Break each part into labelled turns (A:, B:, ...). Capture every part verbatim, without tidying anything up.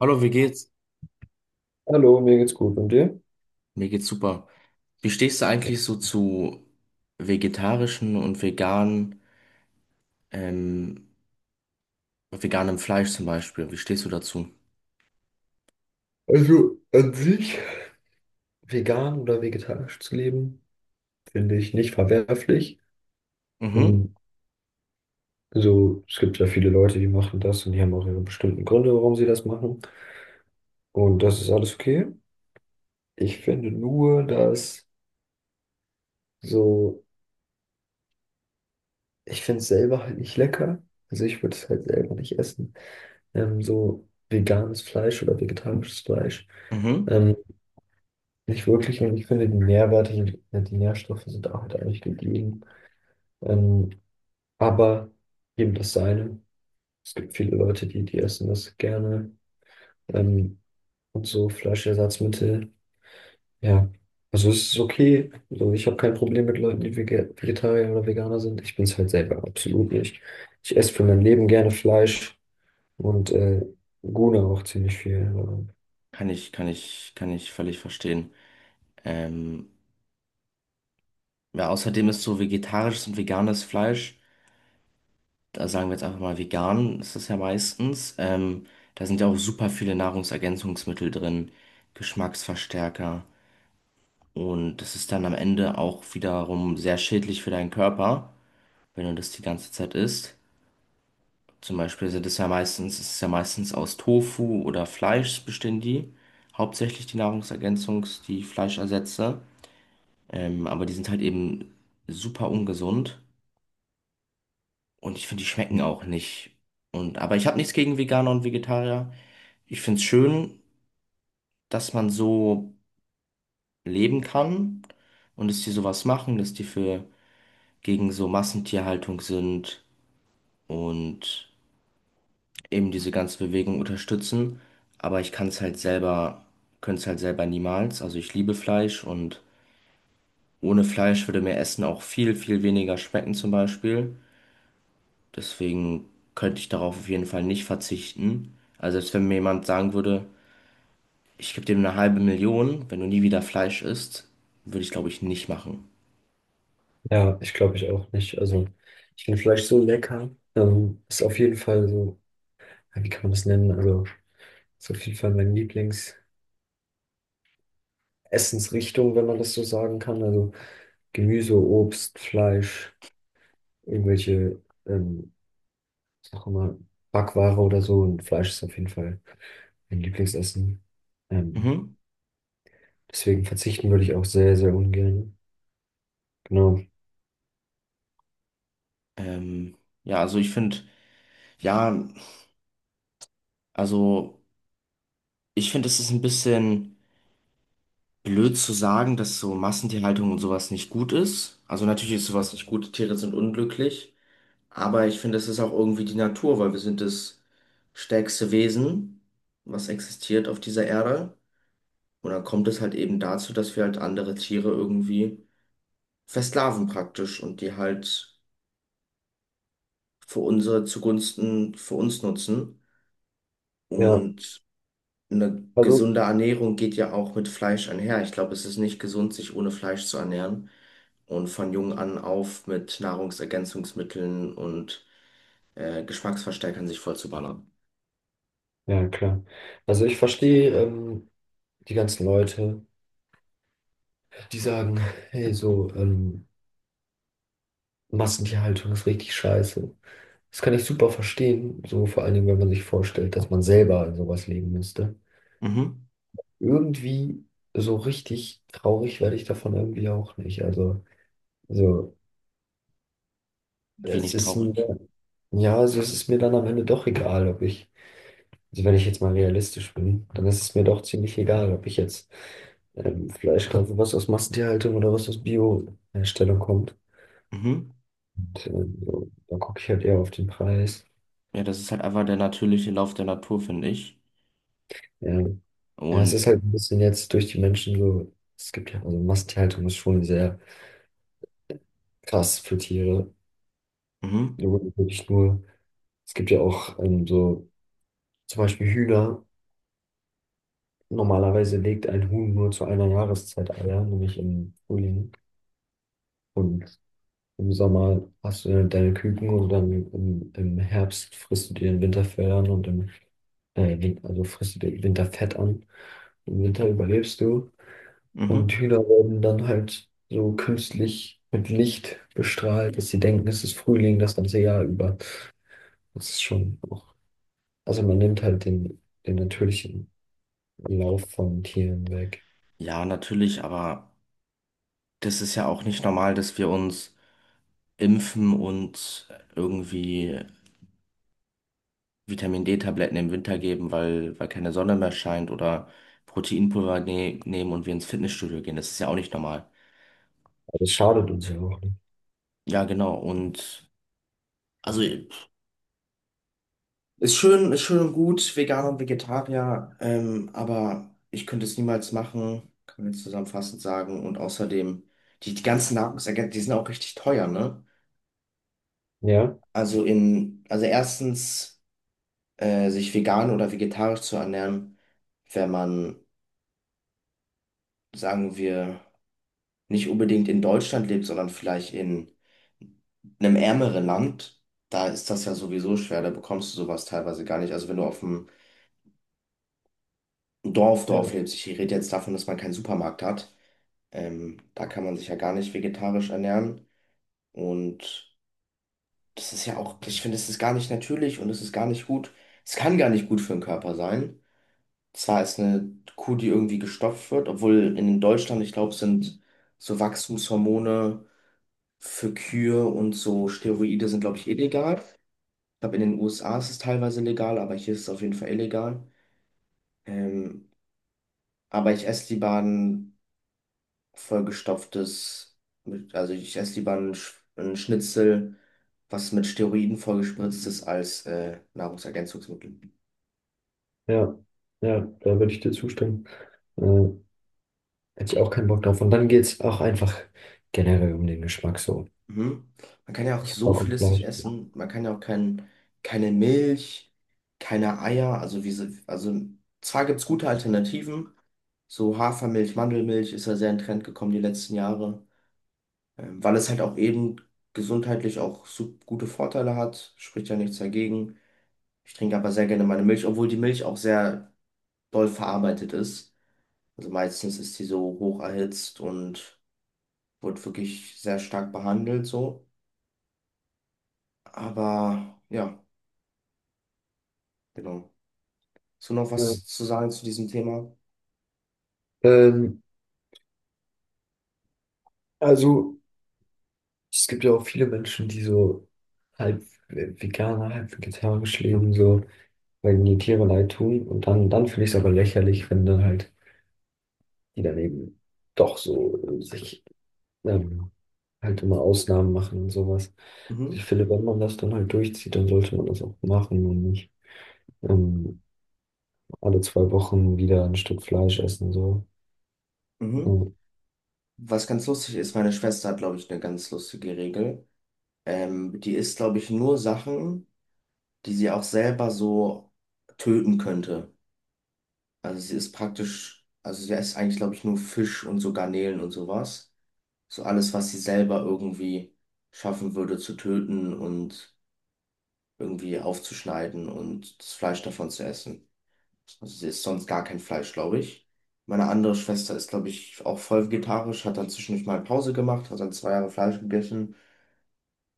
A: Hallo, wie geht's?
B: Hallo, mir geht's gut. Und dir?
A: Mir geht's super. Wie stehst du eigentlich so zu vegetarischen und veganen, ähm, veganem Fleisch zum Beispiel? Wie stehst du dazu?
B: Also an sich, vegan oder vegetarisch zu leben, finde ich nicht verwerflich.
A: Mhm,
B: Ähm, So, es gibt ja viele Leute, die machen das und die haben auch ihre bestimmten Gründe, warum sie das machen. Und das ist alles okay. Ich finde nur, dass so, ich finde es selber halt nicht lecker. Also ich würde es halt selber nicht essen. Ähm, so veganes Fleisch oder vegetarisches Fleisch.
A: mhm.
B: Ähm, Nicht wirklich. Und ich finde die Nährwerte, die die Nährstoffe sind auch halt eigentlich gegeben. Ähm, aber jedem das seine. Es gibt viele Leute, die, die essen das gerne. Ähm, und so Fleischersatzmittel. Ja, also es ist okay. Also ich habe kein Problem mit Leuten, die Vege- Vegetarier oder Veganer sind. Ich bin es halt selber absolut nicht. Ich esse für mein Leben gerne Fleisch und äh, Guna auch ziemlich viel. Aber
A: Kann ich, kann ich, kann ich völlig verstehen. Ähm, ja, außerdem ist so vegetarisches und veganes Fleisch, da sagen wir jetzt einfach mal vegan, ist das ja meistens. Ähm, da sind ja auch super viele Nahrungsergänzungsmittel drin, Geschmacksverstärker und das ist dann am Ende auch wiederum sehr schädlich für deinen Körper, wenn du das die ganze Zeit isst. Zum Beispiel sind es ja meistens, es ist ja meistens aus Tofu oder Fleisch bestehen die. Hauptsächlich die Nahrungsergänzungs, die Fleischersätze. Ähm, aber die sind halt eben super ungesund. Und ich finde, die schmecken auch nicht. Und, aber ich habe nichts gegen Veganer und Vegetarier. Ich finde es schön, dass man so leben kann und dass die sowas machen, dass die für gegen so Massentierhaltung sind und eben diese ganze Bewegung unterstützen, aber ich kann es halt selber, könnte es halt selber niemals. Also ich liebe Fleisch und ohne Fleisch würde mir Essen auch viel, viel weniger schmecken zum Beispiel. Deswegen könnte ich darauf auf jeden Fall nicht verzichten. Also selbst wenn mir jemand sagen würde, ich gebe dir eine halbe Million, wenn du nie wieder Fleisch isst, würde ich glaube ich nicht machen.
B: ja, ich glaube ich auch nicht. Also ich finde Fleisch so lecker. Ähm, ist auf jeden Fall so, ja, wie kann man das nennen? Also ist auf jeden Fall mein Lieblings. Essensrichtung, wenn man das so sagen kann. Also Gemüse, Obst, Fleisch, irgendwelche, ähm, sag mal, Backware oder so. Und Fleisch ist auf jeden Fall mein Lieblingsessen. Ähm,
A: Mhm.
B: Deswegen verzichten würde ich auch sehr, sehr ungern. Genau.
A: Ähm, ja, also ich finde, ja, also ich finde, es ist ein bisschen. Blöd zu sagen, dass so Massentierhaltung und sowas nicht gut ist. Also natürlich ist sowas nicht gut, Tiere sind unglücklich, aber ich finde, es ist auch irgendwie die Natur, weil wir sind das stärkste Wesen, was existiert auf dieser Erde. Und dann kommt es halt eben dazu, dass wir halt andere Tiere irgendwie versklaven praktisch und die halt für unsere zugunsten für uns nutzen.
B: Ja,
A: Und eine
B: also,
A: gesunde Ernährung geht ja auch mit Fleisch einher. Ich glaube, es ist nicht gesund, sich ohne Fleisch zu ernähren. Und von jung an auf mit Nahrungsergänzungsmitteln und äh, Geschmacksverstärkern sich voll zu ballern.
B: ja, klar. Also ich verstehe ähm, die ganzen Leute, die sagen, hey, so, ähm, Massentierhaltung ist richtig scheiße. Das kann ich super verstehen, so vor allen Dingen, wenn man sich vorstellt, dass man selber in sowas leben müsste.
A: Mhm.
B: Irgendwie so richtig traurig werde ich davon irgendwie auch nicht. Also, so, Es
A: Wenig
B: ist mir,
A: traurig.
B: ja, also es ist mir dann am Ende doch egal, ob ich, also wenn ich jetzt mal realistisch bin, dann ist es mir doch ziemlich egal, ob ich jetzt ähm, Fleisch kaufe, was aus Massentierhaltung oder was aus Bio-Herstellung kommt.
A: Mhm.
B: Und, ähm, so, dann gucke ich halt eher auf den Preis.
A: Ja, das ist halt einfach der natürliche Lauf der Natur, finde ich.
B: Ja. Ja, es
A: Und
B: ist halt ein bisschen jetzt durch die Menschen so, es gibt ja, also Massentierhaltung ist schon sehr krass für Tiere.
A: Mhm.
B: Da wurde wirklich nur. Es gibt ja auch ähm, so zum Beispiel Hühner. Normalerweise legt ein Huhn nur zu einer Jahreszeit Eier, nämlich im Frühling. Und im Sommer hast du dann deine Küken und dann im, im Herbst frisst du dir den Winterfell an und im äh, Win- also frisst du dir im Winter an. Im Winter überlebst du. Und
A: Mhm.
B: Hühner werden dann halt so künstlich mit Licht bestrahlt, dass sie denken, es ist Frühling das ganze Jahr über. Das ist schon auch. Also man nimmt halt den, den natürlichen. Lauf von Tieren weg.
A: Ja, natürlich, aber das ist ja auch nicht normal, dass wir uns impfen und irgendwie Vitamin D-Tabletten im Winter geben, weil, weil keine Sonne mehr scheint oder Proteinpulver ne nehmen und wir ins Fitnessstudio gehen. Das ist ja auch nicht normal.
B: Aber es schadet uns ja auch nicht.
A: Ja, genau. Und also ist schön, ist schön und gut, Veganer und Vegetarier, ähm, aber ich könnte es niemals machen, kann man jetzt zusammenfassend sagen. Und außerdem, die, die ganzen Nahrungsergänzungen, die sind auch richtig teuer, ne?
B: Ja,
A: Also in, also erstens, äh, sich vegan oder vegetarisch zu ernähren, wenn man, sagen wir, nicht unbedingt in Deutschland lebt, sondern vielleicht in einem ärmeren Land, da ist das ja sowieso schwer, da bekommst du sowas teilweise gar nicht. Also wenn du auf dem Dorf,
B: ja,
A: Dorf lebt. Ich rede jetzt davon, dass man keinen Supermarkt hat. Ähm, da kann man sich ja gar nicht vegetarisch ernähren. Und das ist ja auch, ich finde, es ist gar nicht natürlich und es ist gar nicht gut. Es kann gar nicht gut für den Körper sein. Zwar ist eine Kuh, die irgendwie gestopft wird, obwohl in Deutschland, ich glaube, sind so Wachstumshormone für Kühe und so Steroide sind, glaube ich, illegal. Ich glaube, in den U S A ist es teilweise legal, aber hier ist es auf jeden Fall illegal. Ähm, aber ich esse lieber einen vollgestopftes, mit, also ich esse lieber ein, Sch- ein Schnitzel, was mit Steroiden vollgespritzt ist, als äh, Nahrungsergänzungsmittel.
B: ja, ja, da würde ich dir zustimmen. Äh, Hätte ich auch keinen Bock drauf. Und dann geht es auch einfach generell um den Geschmack so.
A: Mhm. Man kann ja auch
B: Ich hab
A: so
B: Bock auf
A: vieles nicht
B: Fleisch.
A: essen. Man kann ja auch kein, keine Milch, keine Eier. Also, wie, sie- also zwar gibt es gute Alternativen. So Hafermilch, Mandelmilch ist ja sehr in Trend gekommen die letzten Jahre, ähm, weil es halt auch eben gesundheitlich auch so gute Vorteile hat. Spricht ja nichts dagegen. Ich trinke aber sehr gerne meine Milch, obwohl die Milch auch sehr doll verarbeitet ist. Also meistens ist die so hoch erhitzt und wird wirklich sehr stark behandelt so. Aber ja, genau. Hast du noch
B: Ja.
A: was zu sagen zu diesem Thema?
B: Ähm, also, Es gibt ja auch viele Menschen, die so halb veganer, halb vegetarisch leben, so, weil ihnen die Tiere leid tun. Und dann, dann finde ich es aber lächerlich, wenn dann halt die daneben doch so sich ähm, halt immer Ausnahmen machen und sowas. Ich
A: Mhm,
B: finde, wenn man das dann halt durchzieht, dann sollte man das auch machen und nicht ähm, alle zwei Wochen wieder ein Stück Fleisch essen. So.
A: mhm. Was ganz lustig ist, meine Schwester hat, glaube ich, eine ganz lustige Regel. Ähm, die isst, glaube ich, nur Sachen, die sie auch selber so töten könnte. Also sie ist praktisch, also sie isst eigentlich, glaube ich, nur Fisch und so Garnelen und sowas. So alles, was sie selber irgendwie schaffen würde zu töten und irgendwie aufzuschneiden und das Fleisch davon zu essen. Also sie isst sonst gar kein Fleisch, glaube ich. Meine andere Schwester ist, glaube ich, auch voll vegetarisch, hat dann zwischendurch mal Pause gemacht, hat dann zwei Jahre Fleisch gegessen.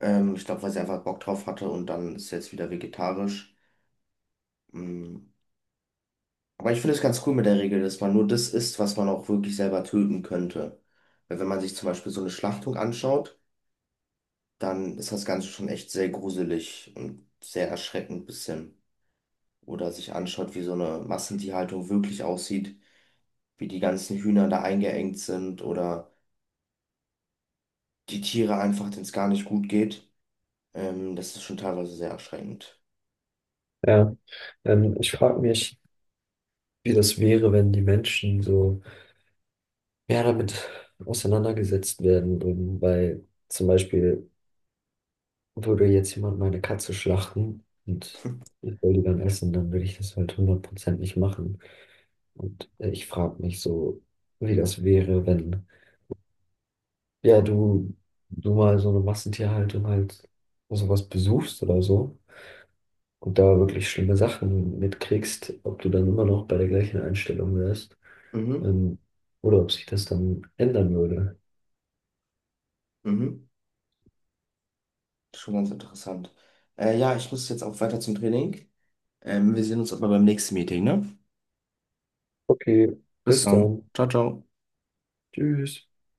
A: Ähm, ich glaube, weil sie einfach Bock drauf hatte und dann ist sie jetzt wieder vegetarisch. Mm. Aber ich finde es ganz cool mit der Regel, dass man nur das isst, was man auch wirklich selber töten könnte. Weil wenn man sich zum Beispiel so eine Schlachtung anschaut, dann ist das Ganze schon echt sehr gruselig und sehr erschreckend ein bisschen. Oder sich anschaut, wie so eine Massentierhaltung wirklich aussieht, wie die ganzen Hühner da eingeengt sind oder die Tiere einfach, denen es gar nicht gut geht. Ähm, das ist schon teilweise sehr erschreckend.
B: Ja, ähm, ich frage mich, wie das wäre, wenn die Menschen so mehr damit auseinandergesetzt werden würden, weil zum Beispiel würde jetzt jemand meine Katze schlachten und ich will die dann essen, dann würde ich das halt hundert Prozent nicht machen. Und äh, ich frage mich so, wie das wäre, wenn ja, du, du mal so eine Massentierhaltung halt sowas besuchst oder so und da wirklich schlimme Sachen mitkriegst, ob du dann immer noch bei der gleichen Einstellung wärst,
A: Mhm,
B: ähm, oder ob sich das dann ändern würde.
A: mhm. Das ist schon ganz interessant. Äh, ja, ich muss jetzt auch weiter zum Training. Ähm, wir sehen uns aber beim nächsten Meeting, ne?
B: Okay,
A: Bis
B: bis
A: dann.
B: dann.
A: Ciao, ciao.
B: Tschüss.